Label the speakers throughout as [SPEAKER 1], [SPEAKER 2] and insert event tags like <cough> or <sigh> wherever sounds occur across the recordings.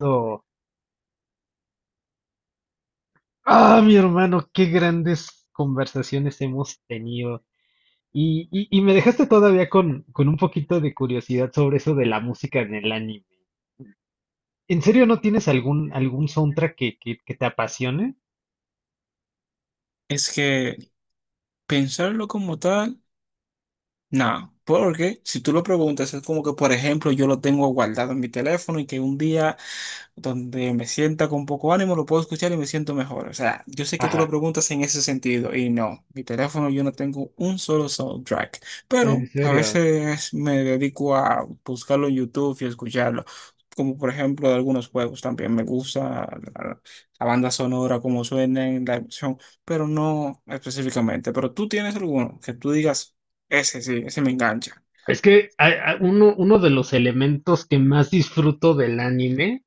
[SPEAKER 1] Oh, ah, mi hermano, qué grandes conversaciones hemos tenido. Y me dejaste todavía con un poquito de curiosidad sobre eso de la música en el anime. ¿En serio no tienes algún, algún soundtrack que te apasione?
[SPEAKER 2] Es que pensarlo como tal, nada, porque si tú lo preguntas, es como que, por ejemplo, yo lo tengo guardado en mi teléfono y que un día donde me sienta con poco ánimo, lo puedo escuchar y me siento mejor. O sea, yo sé que tú lo
[SPEAKER 1] Ajá,
[SPEAKER 2] preguntas en ese sentido y no, mi teléfono yo no tengo un solo soundtrack,
[SPEAKER 1] en
[SPEAKER 2] pero a
[SPEAKER 1] serio.
[SPEAKER 2] veces me dedico a buscarlo en YouTube y escucharlo. Como por ejemplo de algunos juegos también me gusta la banda sonora, cómo suenan la emoción, pero no específicamente. Pero tú tienes alguno que tú digas, ese sí, ese me engancha.
[SPEAKER 1] Es que a- uno, uno de los elementos que más disfruto del anime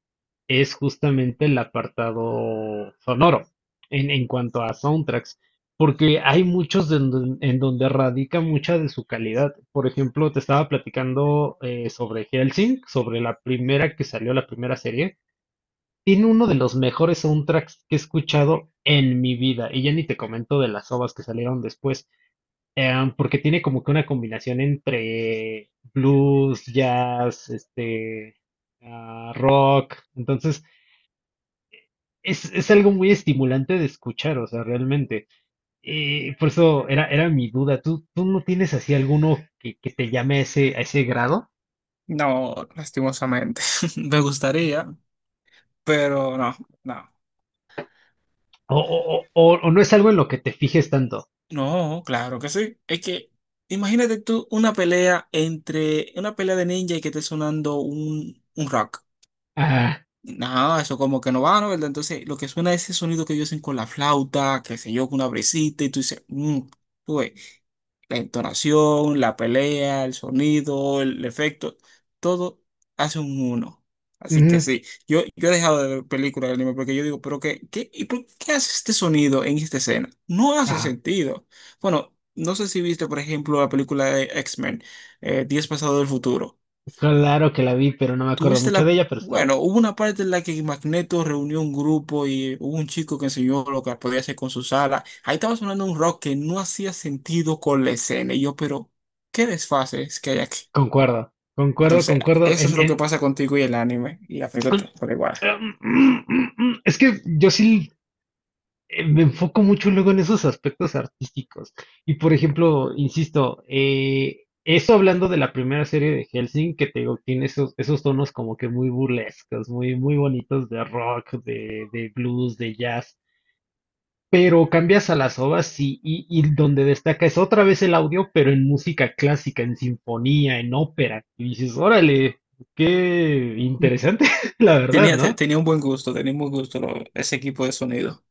[SPEAKER 1] es justamente el apartado sonoro en cuanto a soundtracks, porque hay muchos en donde radica mucha de su calidad. Por ejemplo, te estaba platicando sobre Hellsing, sobre la primera que salió, la primera serie. Tiene uno de los mejores soundtracks que he escuchado en mi vida, y ya ni te comento de las ovas que salieron después. Porque tiene como que una combinación entre blues, jazz, este, ah, rock. Entonces, es algo muy estimulante de escuchar, o sea, realmente. Y por eso era, era mi duda. ¿Tú no tienes así alguno que te llame a ese grado?
[SPEAKER 2] No, lastimosamente. <laughs> Me gustaría, pero no, no.
[SPEAKER 1] O, o no es algo en lo que te fijes tanto?
[SPEAKER 2] No, claro que sí. Es que imagínate tú una pelea entre una pelea de ninja y que esté sonando un rock.
[SPEAKER 1] Ah,
[SPEAKER 2] No, eso como que no va, ¿no? ¿Verdad? Entonces, lo que suena es ese sonido que ellos hacen con la flauta, qué sé yo, con una brisita, y tú dices, mmm, la entonación, la pelea, el sonido, el efecto, todo hace un uno. Así que
[SPEAKER 1] ujú,
[SPEAKER 2] sí, yo he dejado de ver películas de anime porque yo digo, pero qué, ¿y por qué hace este sonido en esta escena? No hace
[SPEAKER 1] ajá.
[SPEAKER 2] sentido. Bueno, no sé si viste, por ejemplo, la película de X-Men, Días Pasados del Futuro.
[SPEAKER 1] Claro que la vi, pero no me acuerdo
[SPEAKER 2] Tuviste
[SPEAKER 1] mucho de
[SPEAKER 2] la...
[SPEAKER 1] ella, pero sí la vi.
[SPEAKER 2] Bueno, hubo una parte en la que Magneto reunió un grupo y hubo un chico que enseñó lo que podía hacer con sus alas. Ahí estaba sonando un rock que no hacía sentido con la escena. Y yo, pero, ¿qué desfases que hay aquí?
[SPEAKER 1] Concuerdo, concuerdo,
[SPEAKER 2] Entonces,
[SPEAKER 1] concuerdo.
[SPEAKER 2] eso es lo que pasa contigo y el anime. Y la película
[SPEAKER 1] <clears throat>
[SPEAKER 2] por igual.
[SPEAKER 1] <clears throat> Mm, es que yo sí me enfoco mucho luego en esos aspectos artísticos. Y por ejemplo, insisto, eso hablando de la primera serie de Hellsing, que te digo, tiene esos, esos tonos como que muy burlescos, muy, muy bonitos de rock, de blues, de jazz. Pero cambias a las ovas y donde destaca es otra vez el audio, pero en música clásica, en sinfonía, en ópera. Y dices, órale, qué
[SPEAKER 2] <laughs>
[SPEAKER 1] interesante, <laughs> la verdad,
[SPEAKER 2] Tenía, te-
[SPEAKER 1] ¿no?
[SPEAKER 2] tenía un buen gusto, ese equipo de sonido.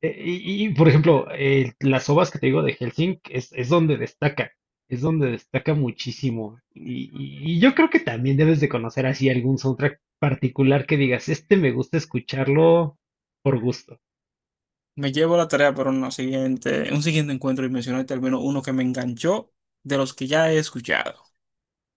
[SPEAKER 1] Y, por ejemplo, las ovas que te digo de Helsinki es donde destaca muchísimo. Y yo creo que también debes de conocer así algún soundtrack particular que digas, este me gusta escucharlo por gusto.
[SPEAKER 2] Me llevo la tarea para un siguiente encuentro y mencionarte al menos uno que me enganchó de los que ya he escuchado.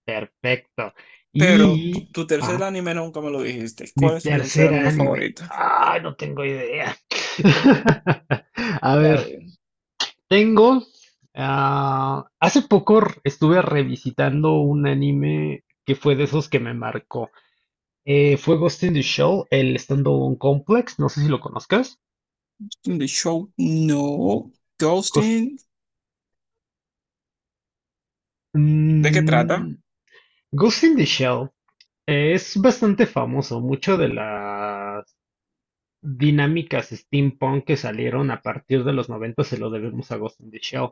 [SPEAKER 1] Perfecto.
[SPEAKER 2] Pero tu,
[SPEAKER 1] Y,
[SPEAKER 2] tu tercer
[SPEAKER 1] ah,
[SPEAKER 2] anime nunca me lo dijiste.
[SPEAKER 1] mi
[SPEAKER 2] ¿Cuál es tu tercer
[SPEAKER 1] tercer
[SPEAKER 2] anime
[SPEAKER 1] anime.
[SPEAKER 2] favorito?
[SPEAKER 1] Ay, no tengo idea. <laughs> A
[SPEAKER 2] La
[SPEAKER 1] ver,
[SPEAKER 2] de-
[SPEAKER 1] tengo. Ah, estuve revisitando un anime que fue de esos que me marcó. Fue Ghost in the Shell, el Standalone Complex, no sé si lo conozcas.
[SPEAKER 2] The Show No.
[SPEAKER 1] Ghost,
[SPEAKER 2] Ghosting. ¿De qué trata?
[SPEAKER 1] mm, Ghost in the Shell es bastante famoso, mucho de las dinámicas steampunk que salieron a partir de los 90 se lo debemos a Ghost in the Shell.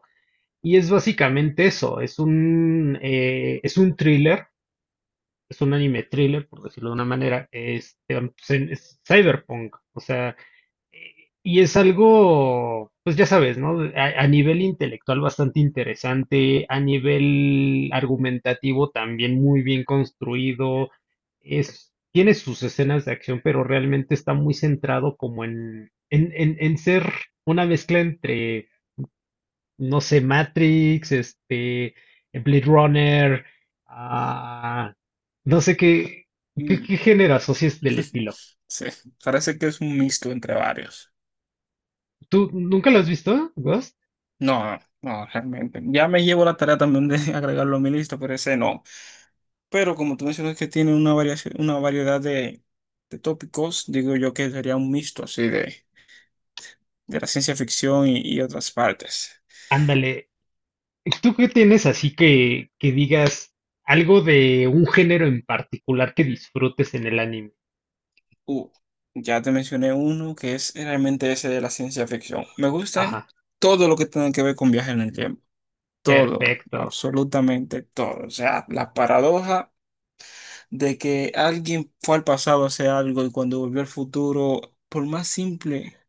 [SPEAKER 1] Y es básicamente eso, es un thriller, es un anime thriller, por decirlo de una manera, este, es, es cyberpunk, o sea... eh, Y es algo, pues ya sabes, ¿no? A nivel intelectual bastante interesante, a nivel argumentativo también muy bien construido. Es, tiene sus escenas de acción, pero realmente está muy centrado como en ser una mezcla entre, no sé, Matrix, este, Blade Runner, ah, no sé qué, qué,
[SPEAKER 2] Mm,
[SPEAKER 1] qué género asocies del estilo.
[SPEAKER 2] sí, parece que es un mixto entre varios.
[SPEAKER 1] ¿Tú nunca lo has visto, Ghost?
[SPEAKER 2] No, no, realmente. Ya me llevo la tarea también de <laughs> agregarlo a mi lista, pero ese no. Pero como tú mencionas que tiene una variedad de tópicos, digo yo que sería un mixto así de la ciencia ficción y otras partes.
[SPEAKER 1] Ándale, ¿tú qué tienes así que digas algo de un género en particular que disfrutes en el anime?
[SPEAKER 2] Uh, ya te mencioné uno que es realmente ese de la ciencia ficción. Me gustan
[SPEAKER 1] Ajá,
[SPEAKER 2] todo lo que tenga que ver con viajes en el tiempo. Todo,
[SPEAKER 1] perfecto.
[SPEAKER 2] absolutamente todo. O sea, la paradoja de que alguien fue al pasado a hacer algo y cuando volvió al futuro, por más simple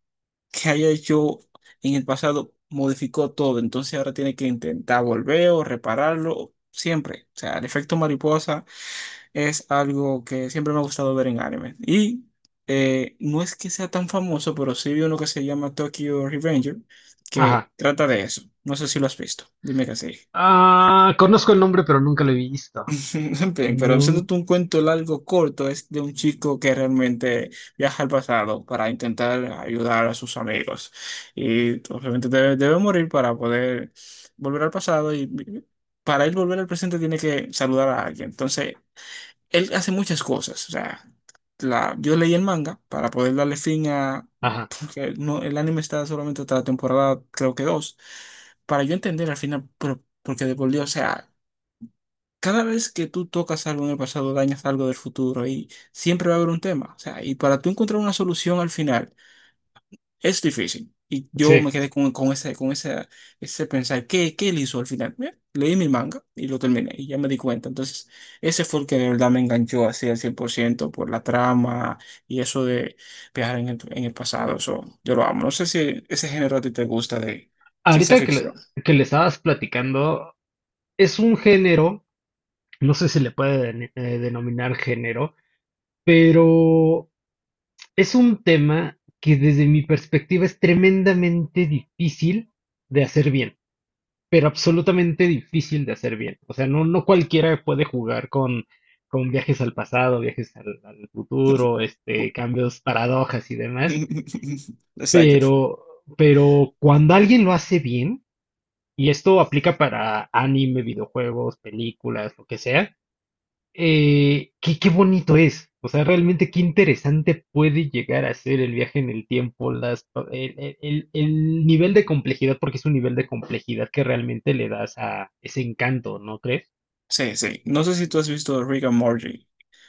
[SPEAKER 2] que haya hecho en el pasado, modificó todo. Entonces ahora tiene que intentar volver o repararlo siempre. O sea, el efecto mariposa es algo que siempre me ha gustado ver en anime. Y no es que sea tan famoso, pero sí vi uno que se llama Tokyo Revenger, que
[SPEAKER 1] Ajá.
[SPEAKER 2] trata de eso. No sé si lo has visto, dime que sí.
[SPEAKER 1] Ah, conozco el nombre, pero nunca lo he visto.
[SPEAKER 2] <laughs> Bien, pero
[SPEAKER 1] Nun-
[SPEAKER 2] haciéndote un cuento largo, corto, es de un chico que realmente viaja al pasado para intentar ayudar a sus amigos. Y obviamente debe morir para poder volver al pasado y para él volver al presente tiene que saludar a alguien. Entonces, él hace muchas cosas. O sea, yo leí el manga para poder darle fin a...
[SPEAKER 1] ajá,
[SPEAKER 2] Porque no, el anime está solamente hasta la temporada, creo que dos, para yo entender al final, porque de por Dios, o sea, cada vez que tú tocas algo en el pasado, dañas algo del futuro y siempre va a haber un tema. O sea, y para tú encontrar una solución al final. Es difícil. Y yo me
[SPEAKER 1] sí.
[SPEAKER 2] quedé con ese pensar, ¿qué él hizo al final? Bien, leí mi manga y lo terminé y ya me di cuenta. Entonces, ese fue el que de verdad me enganchó así al 100% por ciento por la trama y eso de viajar en el pasado. Eso, yo lo amo. No sé si ese género a ti te gusta de ciencia
[SPEAKER 1] Ahorita
[SPEAKER 2] ficción.
[SPEAKER 1] que le estabas platicando, es un género, no sé si le puede denominar género, pero es un tema que desde mi perspectiva es tremendamente difícil de hacer bien. Pero absolutamente difícil de hacer bien. O sea, no, no cualquiera puede jugar con viajes al pasado, viajes al, al futuro, este, cambios, paradojas y demás,
[SPEAKER 2] <laughs> Exacto.
[SPEAKER 1] pero, pero cuando alguien lo hace bien, y esto aplica para anime, videojuegos, películas, lo que sea, qué, qué bonito es. O sea, realmente qué interesante puede llegar a ser el viaje en el tiempo, las, el, el nivel de complejidad, porque es un nivel de complejidad que realmente le das a ese encanto, ¿no crees?
[SPEAKER 2] Sí, sí. No sé si tú has visto Rick and Morty.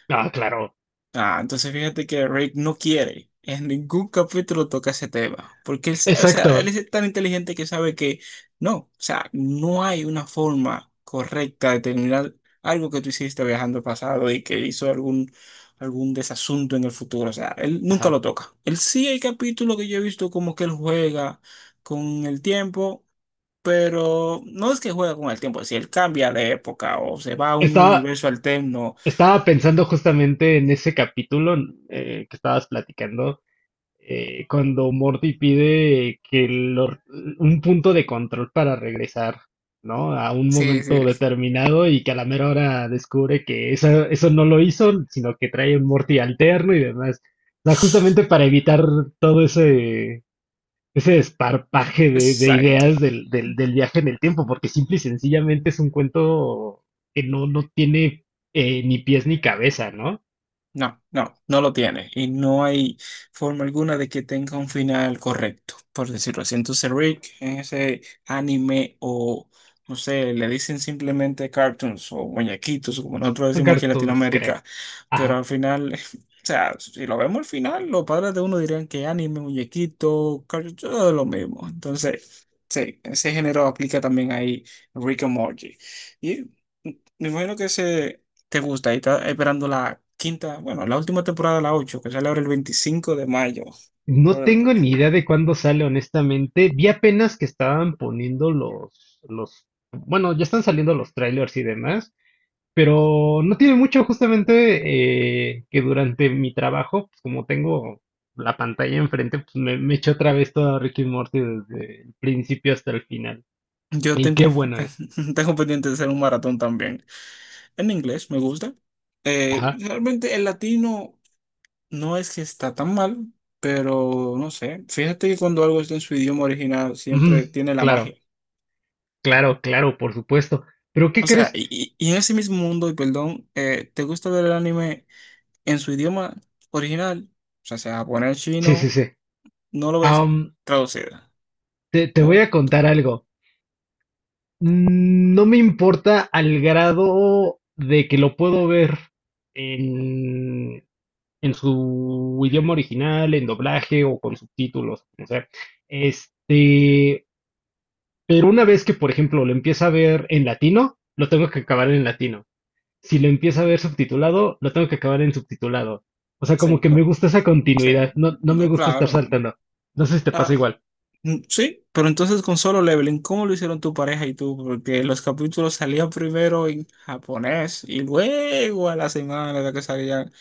[SPEAKER 1] Ah, claro.
[SPEAKER 2] Ah, entonces fíjate que Rick no quiere. En ningún capítulo toca ese tema. Porque él, o sea, él
[SPEAKER 1] Exacto.
[SPEAKER 2] es tan inteligente que sabe que no, o sea, no hay una forma correcta de terminar algo que tú hiciste viajando al pasado y que hizo algún desasunto en el futuro. O sea, él nunca
[SPEAKER 1] Ajá.
[SPEAKER 2] lo toca. Él sí hay capítulos que yo he visto como que él juega con el tiempo. Pero no es que juega con el tiempo, si él cambia de época o se va a un
[SPEAKER 1] Estaba,
[SPEAKER 2] universo alterno,
[SPEAKER 1] estaba pensando justamente en ese capítulo que estabas platicando. Eh, cuando Morty pide que lo- un punto de control para regresar, ¿no? A un
[SPEAKER 2] sí,
[SPEAKER 1] momento
[SPEAKER 2] sí.
[SPEAKER 1] determinado y que a la mera hora descubre que eso no lo hizo, sino que trae un Morty alterno y demás. O sea, justamente
[SPEAKER 2] <laughs>
[SPEAKER 1] para evitar todo ese, ese desparpaje de
[SPEAKER 2] Exacto.
[SPEAKER 1] ideas del viaje en el tiempo, porque simple y sencillamente es un cuento que no, no tiene ni pies ni cabeza, ¿no?
[SPEAKER 2] No, no, no lo tiene. Y no hay forma alguna de que tenga un final correcto, por decirlo así. Entonces Rick en ese anime o, no sé, le dicen simplemente cartoons o muñequitos, como nosotros
[SPEAKER 1] Son
[SPEAKER 2] decimos aquí en
[SPEAKER 1] cartoons, creo.
[SPEAKER 2] Latinoamérica, pero
[SPEAKER 1] Ajá.
[SPEAKER 2] al final, <laughs> o sea, si lo vemos al final, los padres de uno dirían que anime, muñequito, cartoon, todo lo mismo. Entonces, sí, ese género aplica también ahí Rick and Morty. Y me imagino que ese... te gusta y estás esperando la quinta, bueno, la última temporada, la 8 que sale ahora el 25 de mayo.
[SPEAKER 1] No
[SPEAKER 2] Bueno,
[SPEAKER 1] tengo ni idea de cuándo sale, honestamente. Vi apenas que estaban poniendo bueno, ya están saliendo los trailers y demás, pero no tiene mucho justamente que durante mi trabajo, pues como tengo la pantalla enfrente, pues me eché otra vez todo Ricky Morty desde el principio hasta el final.
[SPEAKER 2] yo
[SPEAKER 1] Y qué
[SPEAKER 2] tengo,
[SPEAKER 1] bueno es.
[SPEAKER 2] <laughs> tengo pendiente de hacer un maratón también. En inglés me gusta.
[SPEAKER 1] Ajá.
[SPEAKER 2] Realmente el latino no es que está tan mal, pero no sé. Fíjate que cuando algo está en su idioma original
[SPEAKER 1] Ujú.
[SPEAKER 2] siempre tiene la
[SPEAKER 1] Claro,
[SPEAKER 2] magia.
[SPEAKER 1] claro, claro, por supuesto. Pero ¿qué
[SPEAKER 2] O sea,
[SPEAKER 1] crees?
[SPEAKER 2] y en ese mismo mundo, y perdón, ¿te gusta ver el anime en su idioma original? O sea, sea japonés,
[SPEAKER 1] Sí, sí,
[SPEAKER 2] chino,
[SPEAKER 1] sí.
[SPEAKER 2] no lo ves
[SPEAKER 1] Am,
[SPEAKER 2] traducido.
[SPEAKER 1] te voy
[SPEAKER 2] O
[SPEAKER 1] a contar algo. Mm, no me importa al grado de que lo puedo ver en, en su idioma original, en doblaje o con subtítulos, como sea. Este, pero una vez que, por ejemplo, lo empieza a ver en latino, lo tengo que acabar en latino. Si lo empieza a ver subtitulado, lo tengo que acabar en subtitulado. O sea, como
[SPEAKER 2] Sí,
[SPEAKER 1] que
[SPEAKER 2] no,
[SPEAKER 1] me gusta esa continuidad,
[SPEAKER 2] sí,
[SPEAKER 1] no, no me
[SPEAKER 2] no,
[SPEAKER 1] gusta estar
[SPEAKER 2] claro.
[SPEAKER 1] saltando. No sé si te pasa
[SPEAKER 2] Ah,
[SPEAKER 1] igual.
[SPEAKER 2] mm, sí, pero entonces con Solo Leveling, ¿cómo lo hicieron tu pareja y tú? Porque los capítulos salían primero en japonés y luego a la semana era que salían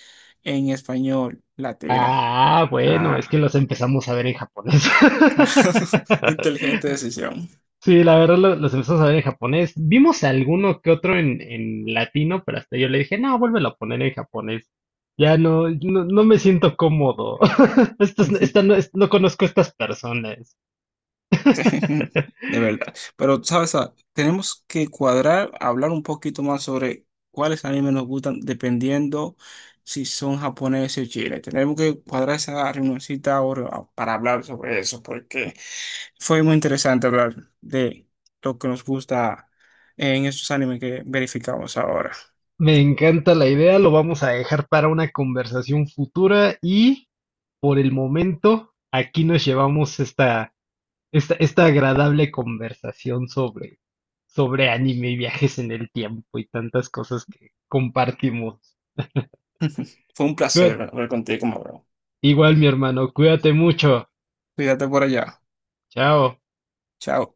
[SPEAKER 2] en español latino.
[SPEAKER 1] Ah, bueno, es que
[SPEAKER 2] Ah,
[SPEAKER 1] los empezamos a ver en japonés.
[SPEAKER 2] <laughs>
[SPEAKER 1] <laughs>
[SPEAKER 2] inteligente decisión.
[SPEAKER 1] Sí, la verdad los empezamos a ver en japonés. Vimos alguno que otro en latino, pero hasta yo le dije, no, vuélvelo a poner en japonés. Ya no, no, no me siento cómodo. <laughs> Esta no,
[SPEAKER 2] <laughs>
[SPEAKER 1] no conozco a estas personas.
[SPEAKER 2] Sí, <laughs>
[SPEAKER 1] <laughs>
[SPEAKER 2] de verdad. Pero, ¿sabes? Tenemos que cuadrar, hablar un poquito más sobre cuáles animes nos gustan, dependiendo si son japoneses o chiles. Tenemos que cuadrar esa reunioncita ahora para hablar sobre eso, porque fue muy interesante hablar de lo que nos gusta en estos animes que verificamos ahora.
[SPEAKER 1] Me encanta la idea, lo vamos a dejar para una conversación futura y por el momento aquí nos llevamos esta, esta, esta agradable conversación sobre, sobre anime y viajes en el tiempo y tantas cosas que compartimos.
[SPEAKER 2] <laughs> Fue un
[SPEAKER 1] Cuí-
[SPEAKER 2] placer hablar contigo, bro.
[SPEAKER 1] igual mi hermano, cuídate mucho.
[SPEAKER 2] Cuídate por allá.
[SPEAKER 1] Chao.
[SPEAKER 2] Chao.